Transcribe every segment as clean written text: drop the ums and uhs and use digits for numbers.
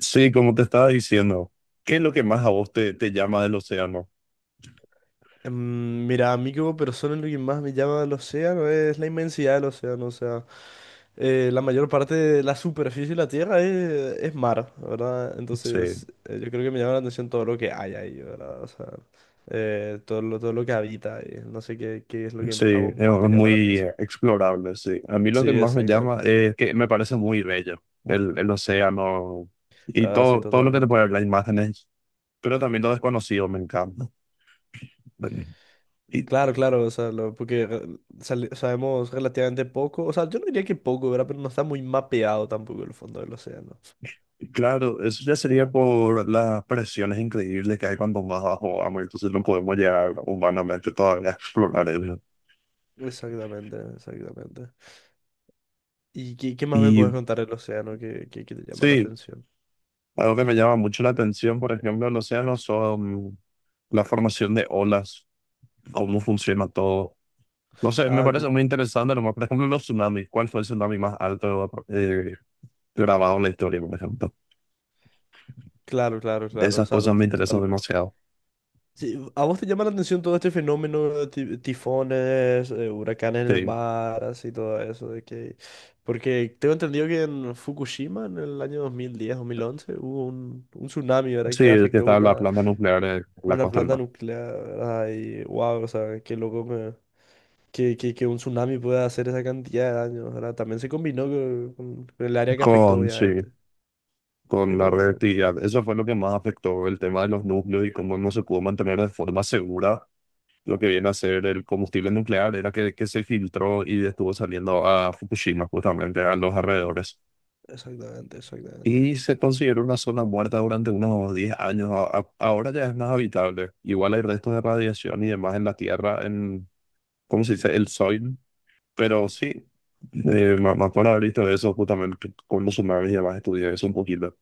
Sí, como te estaba diciendo, ¿qué es lo que más a vos te llama del océano? Mira, a mí como persona lo que más me llama el océano es la inmensidad del océano. O sea, la mayor parte de la superficie de la Tierra es mar, ¿verdad? Sí, Entonces, yo creo que me llama la atención todo lo que hay ahí, ¿verdad? O sea, todo lo que habita ahí. No sé qué es lo que sí, a vos es más te llama la muy atención. explorable, sí. A mí lo que Sí, más me llama exactamente. es que me parece muy bello el océano y Ah, sí, todo lo que te totalmente. puede dar las imágenes, pero también lo desconocido me encanta. Y, Claro, claro, o sea, porque sabemos relativamente poco. O sea, yo no diría que poco, ¿verdad? Pero no está muy mapeado tampoco el fondo del océano. Claro, eso ya sería por las presiones increíbles que hay cuando vas a agua, entonces no podemos llegar humanamente todavía a explorar eso. Exactamente, exactamente. ¿Y qué más me Y puedes contar del océano que te llama la sí, atención? algo que me llama mucho la atención, por ejemplo, en los océanos son la formación de olas, cómo funciona todo. No sé, me Ah, parece como, muy interesante, nomás, por ejemplo, los tsunamis, ¿cuál fue el tsunami más alto grabado en la historia, por ejemplo? claro, claro, De claro, o esas sea, cosas me interesan totalmente. demasiado. Sí, ¿a vos te llama la atención todo este fenómeno de tifones, huracanes en el Sí, mar, así todo eso? De que... Porque tengo entendido que en Fukushima, en el año 2010, 2011, hubo un tsunami, ¿verdad? sí, Que el que afectó está la una, planta nuclear en la una costa del planta mar. nuclear, ¿verdad? Y wow, o sea, qué loco me, que un tsunami pueda hacer esa cantidad de daño, ¿verdad? También se combinó con el área que afectó, Sí. obviamente. Con la Pero, reactividad. Eso fue lo que más afectó el tema de los núcleos y cómo no se pudo mantener de forma segura lo que viene a ser el combustible nuclear, era que se filtró y estuvo saliendo a Fukushima, justamente a los alrededores. exactamente, exactamente. Y se consideró una zona muerta durante unos 10 años. Ahora ya es más habitable. Igual hay restos de radiación y demás en la Tierra, en, ¿cómo se dice? El soil. Pero sí, me acuerdo haber visto eso justamente con los humanos y demás, estudié eso un poquito.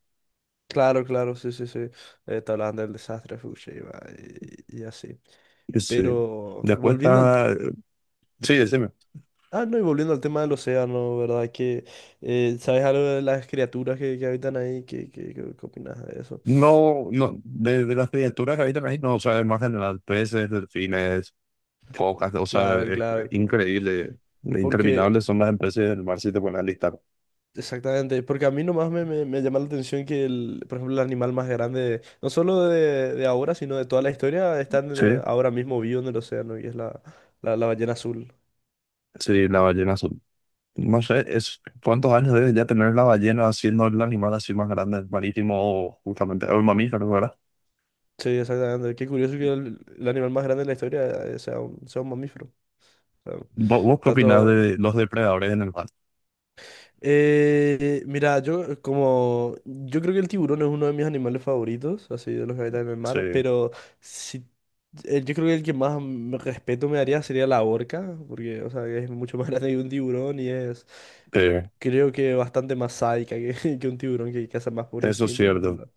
Claro, claro, sí, sí, sí. Te hablaban del desastre de Fukushima y así. Y sí. Pero Después volviendo al... está. Sí, decime. Ah, no, y volviendo al tema del océano, ¿verdad? Que, ¿sabes algo de las criaturas que habitan ahí? Qué opinas de eso? No, no, de las criaturas que habitan ahí, no, o sea, más general, peces, delfines, focas, o sea, Claro, es claro, claro. increíble, Porque interminables son las especies del mar si te pones a listar. Exactamente, porque a mí nomás me llama la atención que, el, por ejemplo, el animal más grande, no solo de ahora, sino de toda la historia, está en Sí, ahora mismo vivo en el océano y es la ballena azul. sí, la ballena azul. No sé, es, ¿cuántos años debe ya tener la ballena siendo el animal así más grande, el marítimo, justamente, o el mamífero, ¿verdad? Sí, exactamente. Qué curioso que el animal más grande de la historia, sea un mamífero. O sea, ¿Vos qué opinás tanto, de los depredadores en el mar? Mira, yo, como yo creo que el tiburón es uno de mis animales favoritos, así de los que habitan en el Sí, mar, pero si yo creo que el que más respeto me daría sería la orca, porque o sea, es mucho más grande que un tiburón y es eh, creo que bastante más sádica que, que un tiburón que caza más por eso es instinto, pero cierto, la,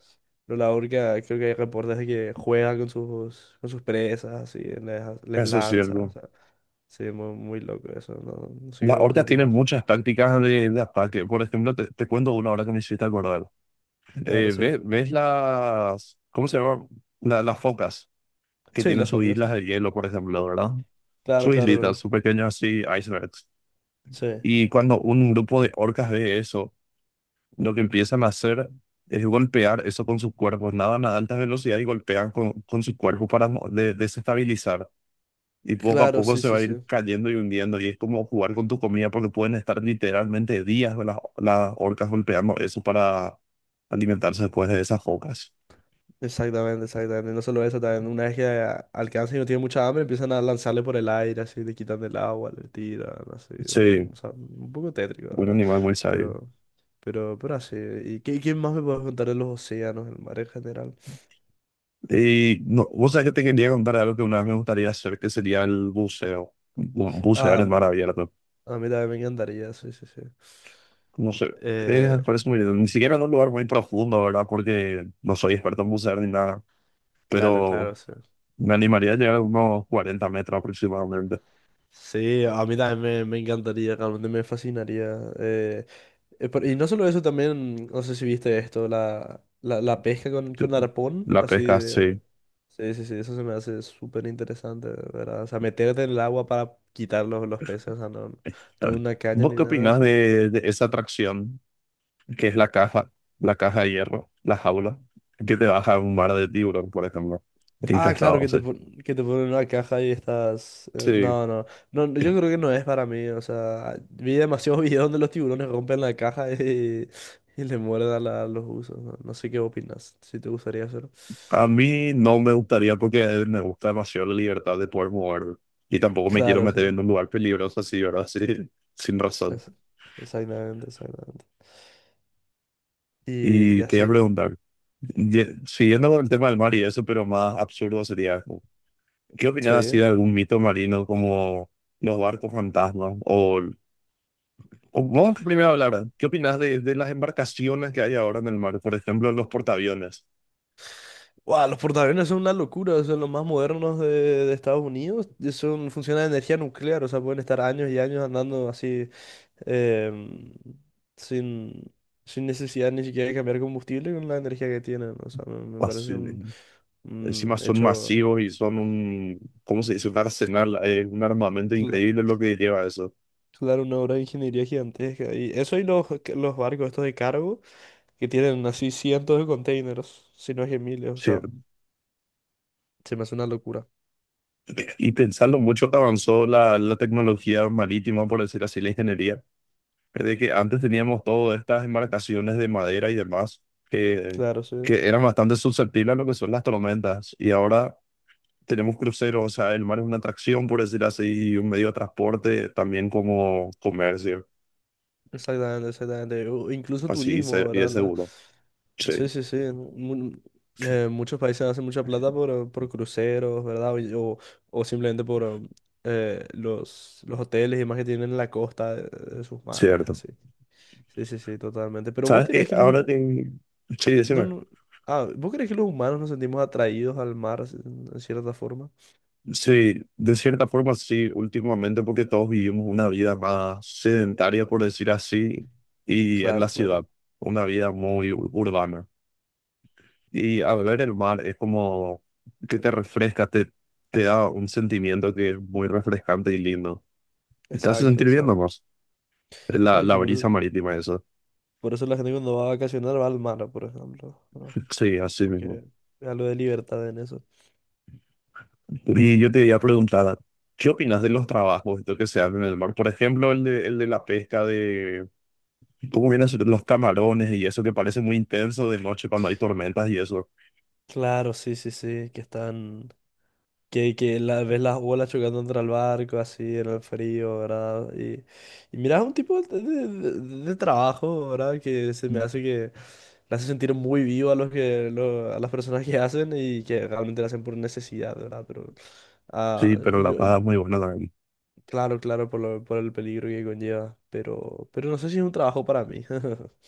pero la orca creo que hay reportes de que juega con sus presas, así les eso es lanza, o cierto. sea, sí, muy, muy loco eso, no, no sé Las vos qué orcas tienen opinas. muchas tácticas de ataque. Por ejemplo, te cuento una ahora que me hiciste acordar. Claro, sí. ¿Ves, las, ¿cómo se llama? Las focas que Sí, la tienen sus famosa. islas de hielo, por ejemplo, ¿verdad? Claro, Sus claro, islitas, no. sus pequeños así, icebergs. Sí. Y cuando un grupo de orcas ve eso, lo que empiezan a hacer es golpear eso con sus cuerpos. Nadan a alta velocidad y golpean con sus cuerpos para desestabilizar. Y poco a Claro, poco sí, se va sí, a ir sí. cayendo y hundiendo. Y es como jugar con tu comida porque pueden estar literalmente días las orcas golpeando eso para alimentarse después de esas focas. Exactamente, exactamente. No solo eso, también una vez que alcanza y no tiene mucha hambre, empiezan a lanzarle por el aire, así, le quitan el agua, le tiran, así, ¿no? Sí, O sea, un poco tétrico, la un ¿verdad? animal muy sabio. Pero, pero así. ¿Y qué más me puedes contar de los océanos, el mar en general? Y no, vos sabés que te quería contar algo que una vez me gustaría hacer, que sería el buceo. Bucear Ah, en mar abierto. a mí también me encantaría, sí, sí, sí. No sé, Eh, me parece muy lindo. Ni siquiera en un lugar muy profundo, ¿verdad? Porque no soy experto en bucear ni nada, claro, claro, pero sí. me animaría a llegar a unos 40 metros aproximadamente. Sí, a mí también me encantaría, realmente me fascinaría. Y no solo eso, también, no sé si viste esto, la pesca con, Sí, con arpón, la pesca, sí. Sí, sí, sí, eso se me hace súper interesante, de ¿verdad? O sea, meterte en el agua para quitar los peces, o sea, no, no en una caña ¿Vos ni qué nada, opinás sino... de esa atracción que es la caja de hierro, la jaula, que te baja a un mar de tiburón, por ejemplo? Ah, Infestado, claro, o sea, que te ponen una caja y estás... sí. no, no, no, no, yo creo que no es para mí, o sea, vi demasiados videos donde los tiburones rompen la caja y le muerden a a los usos. No, no sé qué opinas, si te gustaría hacerlo. A mí no me gustaría porque me gusta demasiado la libertad de poder mover y tampoco me quiero Claro, meter sí. en un lugar peligroso así, ¿verdad? Sí, sin razón. Eso, exactamente, exactamente. Y Y te iba a así, preguntar, siguiendo con el tema del mar y eso, pero más absurdo sería, ¿qué opinas sí. así de algún mito marino como los barcos fantasmas O vamos primero a hablar, ¿qué opinas de las embarcaciones que hay ahora en el mar? Por ejemplo, los portaaviones. Guau, los portaaviones son una locura, son los más modernos de Estados Unidos. Funcionan de energía nuclear, o sea, pueden estar años y años andando así, em, sin, sin necesidad ni siquiera de cambiar combustible con la energía que tienen. O sea, me Pas- parece un Encima son hecho, masivos y son un, ¿cómo se dice? Un arsenal, un armamento cla- increíble lo que lleva eso. claro, una obra de ingeniería gigantesca. Y eso y los barcos estos de cargo que tienen así cientos de containers, si no es que miles, o sea. Sí. Se me hace una locura. Y pensarlo mucho que avanzó la tecnología marítima, por decir así, la ingeniería. De que antes teníamos todas estas embarcaciones de madera y demás, que, Claro, sí. que eran bastante susceptibles a lo que son las tormentas. Y ahora tenemos cruceros, o sea, el mar es una atracción, por decir así, y un medio de transporte también como comercio, Exactamente, exactamente. O incluso así, turismo, y es ¿verdad? Seguro. Sí, Sí, sí, sí. Muchos países hacen mucha plata por cruceros, ¿verdad? O simplemente por los hoteles y más que tienen en la costa de sus mares, cierto. así. Sí, sí, sí, totalmente. Pero vos ¿Sabes qué? creés que los... Ahora, sí, No, decime. no... Ah, ¿vos creés que los humanos nos sentimos atraídos al mar en cierta forma? Sí, de cierta forma sí, últimamente porque todos vivimos una vida más sedentaria, por decir así, y en Claro, la ciudad, claro. una vida muy urbana. Y al ver el mar es como que te refresca, te da un sentimiento que es muy refrescante y lindo. ¿Te hace Exacto, sentir bien exacto. nomás? La Exacto, por eso. brisa marítima, eso. Por eso la gente cuando va a vacacionar va al mar, por ejemplo, ¿no? Sí, así mismo. Porque es algo de libertad en eso. Y yo te iba a preguntar, ¿qué opinas de los trabajos esto que se hacen en el mar? Por ejemplo, el de la pesca de cómo vienen a ser los camarones y eso que parece muy intenso de noche cuando hay tormentas y eso. Claro, sí, sí, sí, que están, que la, ves las olas chocando contra el barco, así, en el frío, ¿verdad? Y miras un tipo de trabajo, ¿verdad? Que se me hace que le hace sentir muy vivo a los a las personas que hacen y que realmente lo hacen por necesidad, ¿verdad? Pero, ah, Sí, pero la yo, paga es muy buena también. claro, claro, por por el peligro que conlleva, pero no sé si es un trabajo para mí.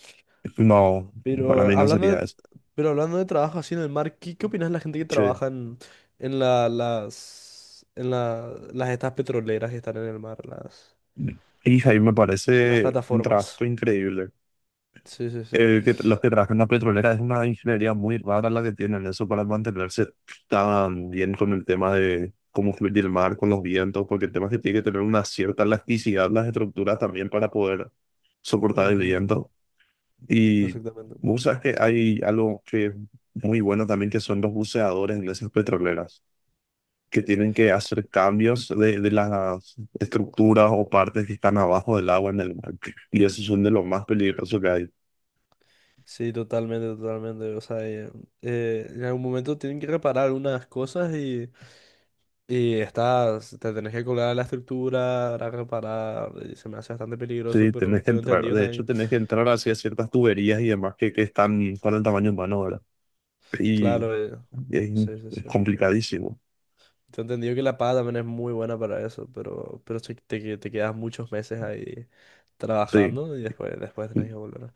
No, para Pero mí no hablando sería de, eso. pero hablando de trabajo así en el mar, ¿qué opinas de la gente que Sí. trabaja en las estas petroleras que están en el mar, Y ahí me las parece un plataformas? trabajo increíble. Sí, sí, sí. Que los que trabajan en la petrolera es una ingeniería muy rara la que tienen eso para mantenerse tan bien con el tema de cómo fluir el mar, con los vientos, porque el tema es que tiene que tener una cierta elasticidad las estructuras también para poder soportar el Ujú. viento. Y Exactamente. vos sabes que hay algo que es muy bueno también que son los buceadores en esas petroleras, que tienen que hacer cambios de las estructuras o partes que están abajo del agua en el mar. Y esos son de los más peligrosos que hay. Sí, totalmente, totalmente. O sea, en algún momento tienen que reparar algunas cosas y estás, te tenés que colgar a la estructura para reparar. Y se me hace bastante peligroso, Sí, pero tenés que tengo entrar. entendido De hecho, también. tenés que entrar hacia ciertas tuberías y demás que están para el tamaño humano, ¿verdad? Y Claro, es, sí, sí, es sí. complicadísimo. Te he entendido que la paga también es muy buena para eso, pero si te quedas muchos meses ahí Sí. trabajando y después tenés que volver.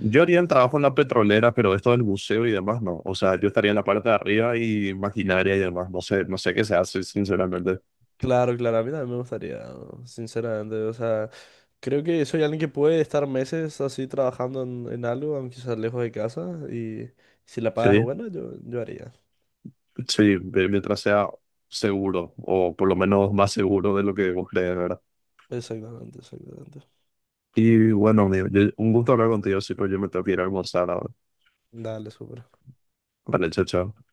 Yo haría el trabajo en la petrolera, pero esto del buceo y demás, no. O sea, yo estaría en la parte de arriba y maquinaria y demás. No sé, no sé qué se hace, sinceramente. Claro, claro, a mí también me gustaría, ¿no? Sinceramente. O sea, creo que soy alguien que puede estar meses así trabajando en algo, aunque sea lejos de casa, y si la paga es Sí, buena, yo haría. sí, mientras sea seguro, o por lo menos más seguro de lo que vos crees, ¿verdad? Exactamente, exactamente. Y bueno, amigo, un gusto hablar contigo, sí, pero yo me tengo que ir a almorzar ahora. Dale, súper. Vale, chao, chao.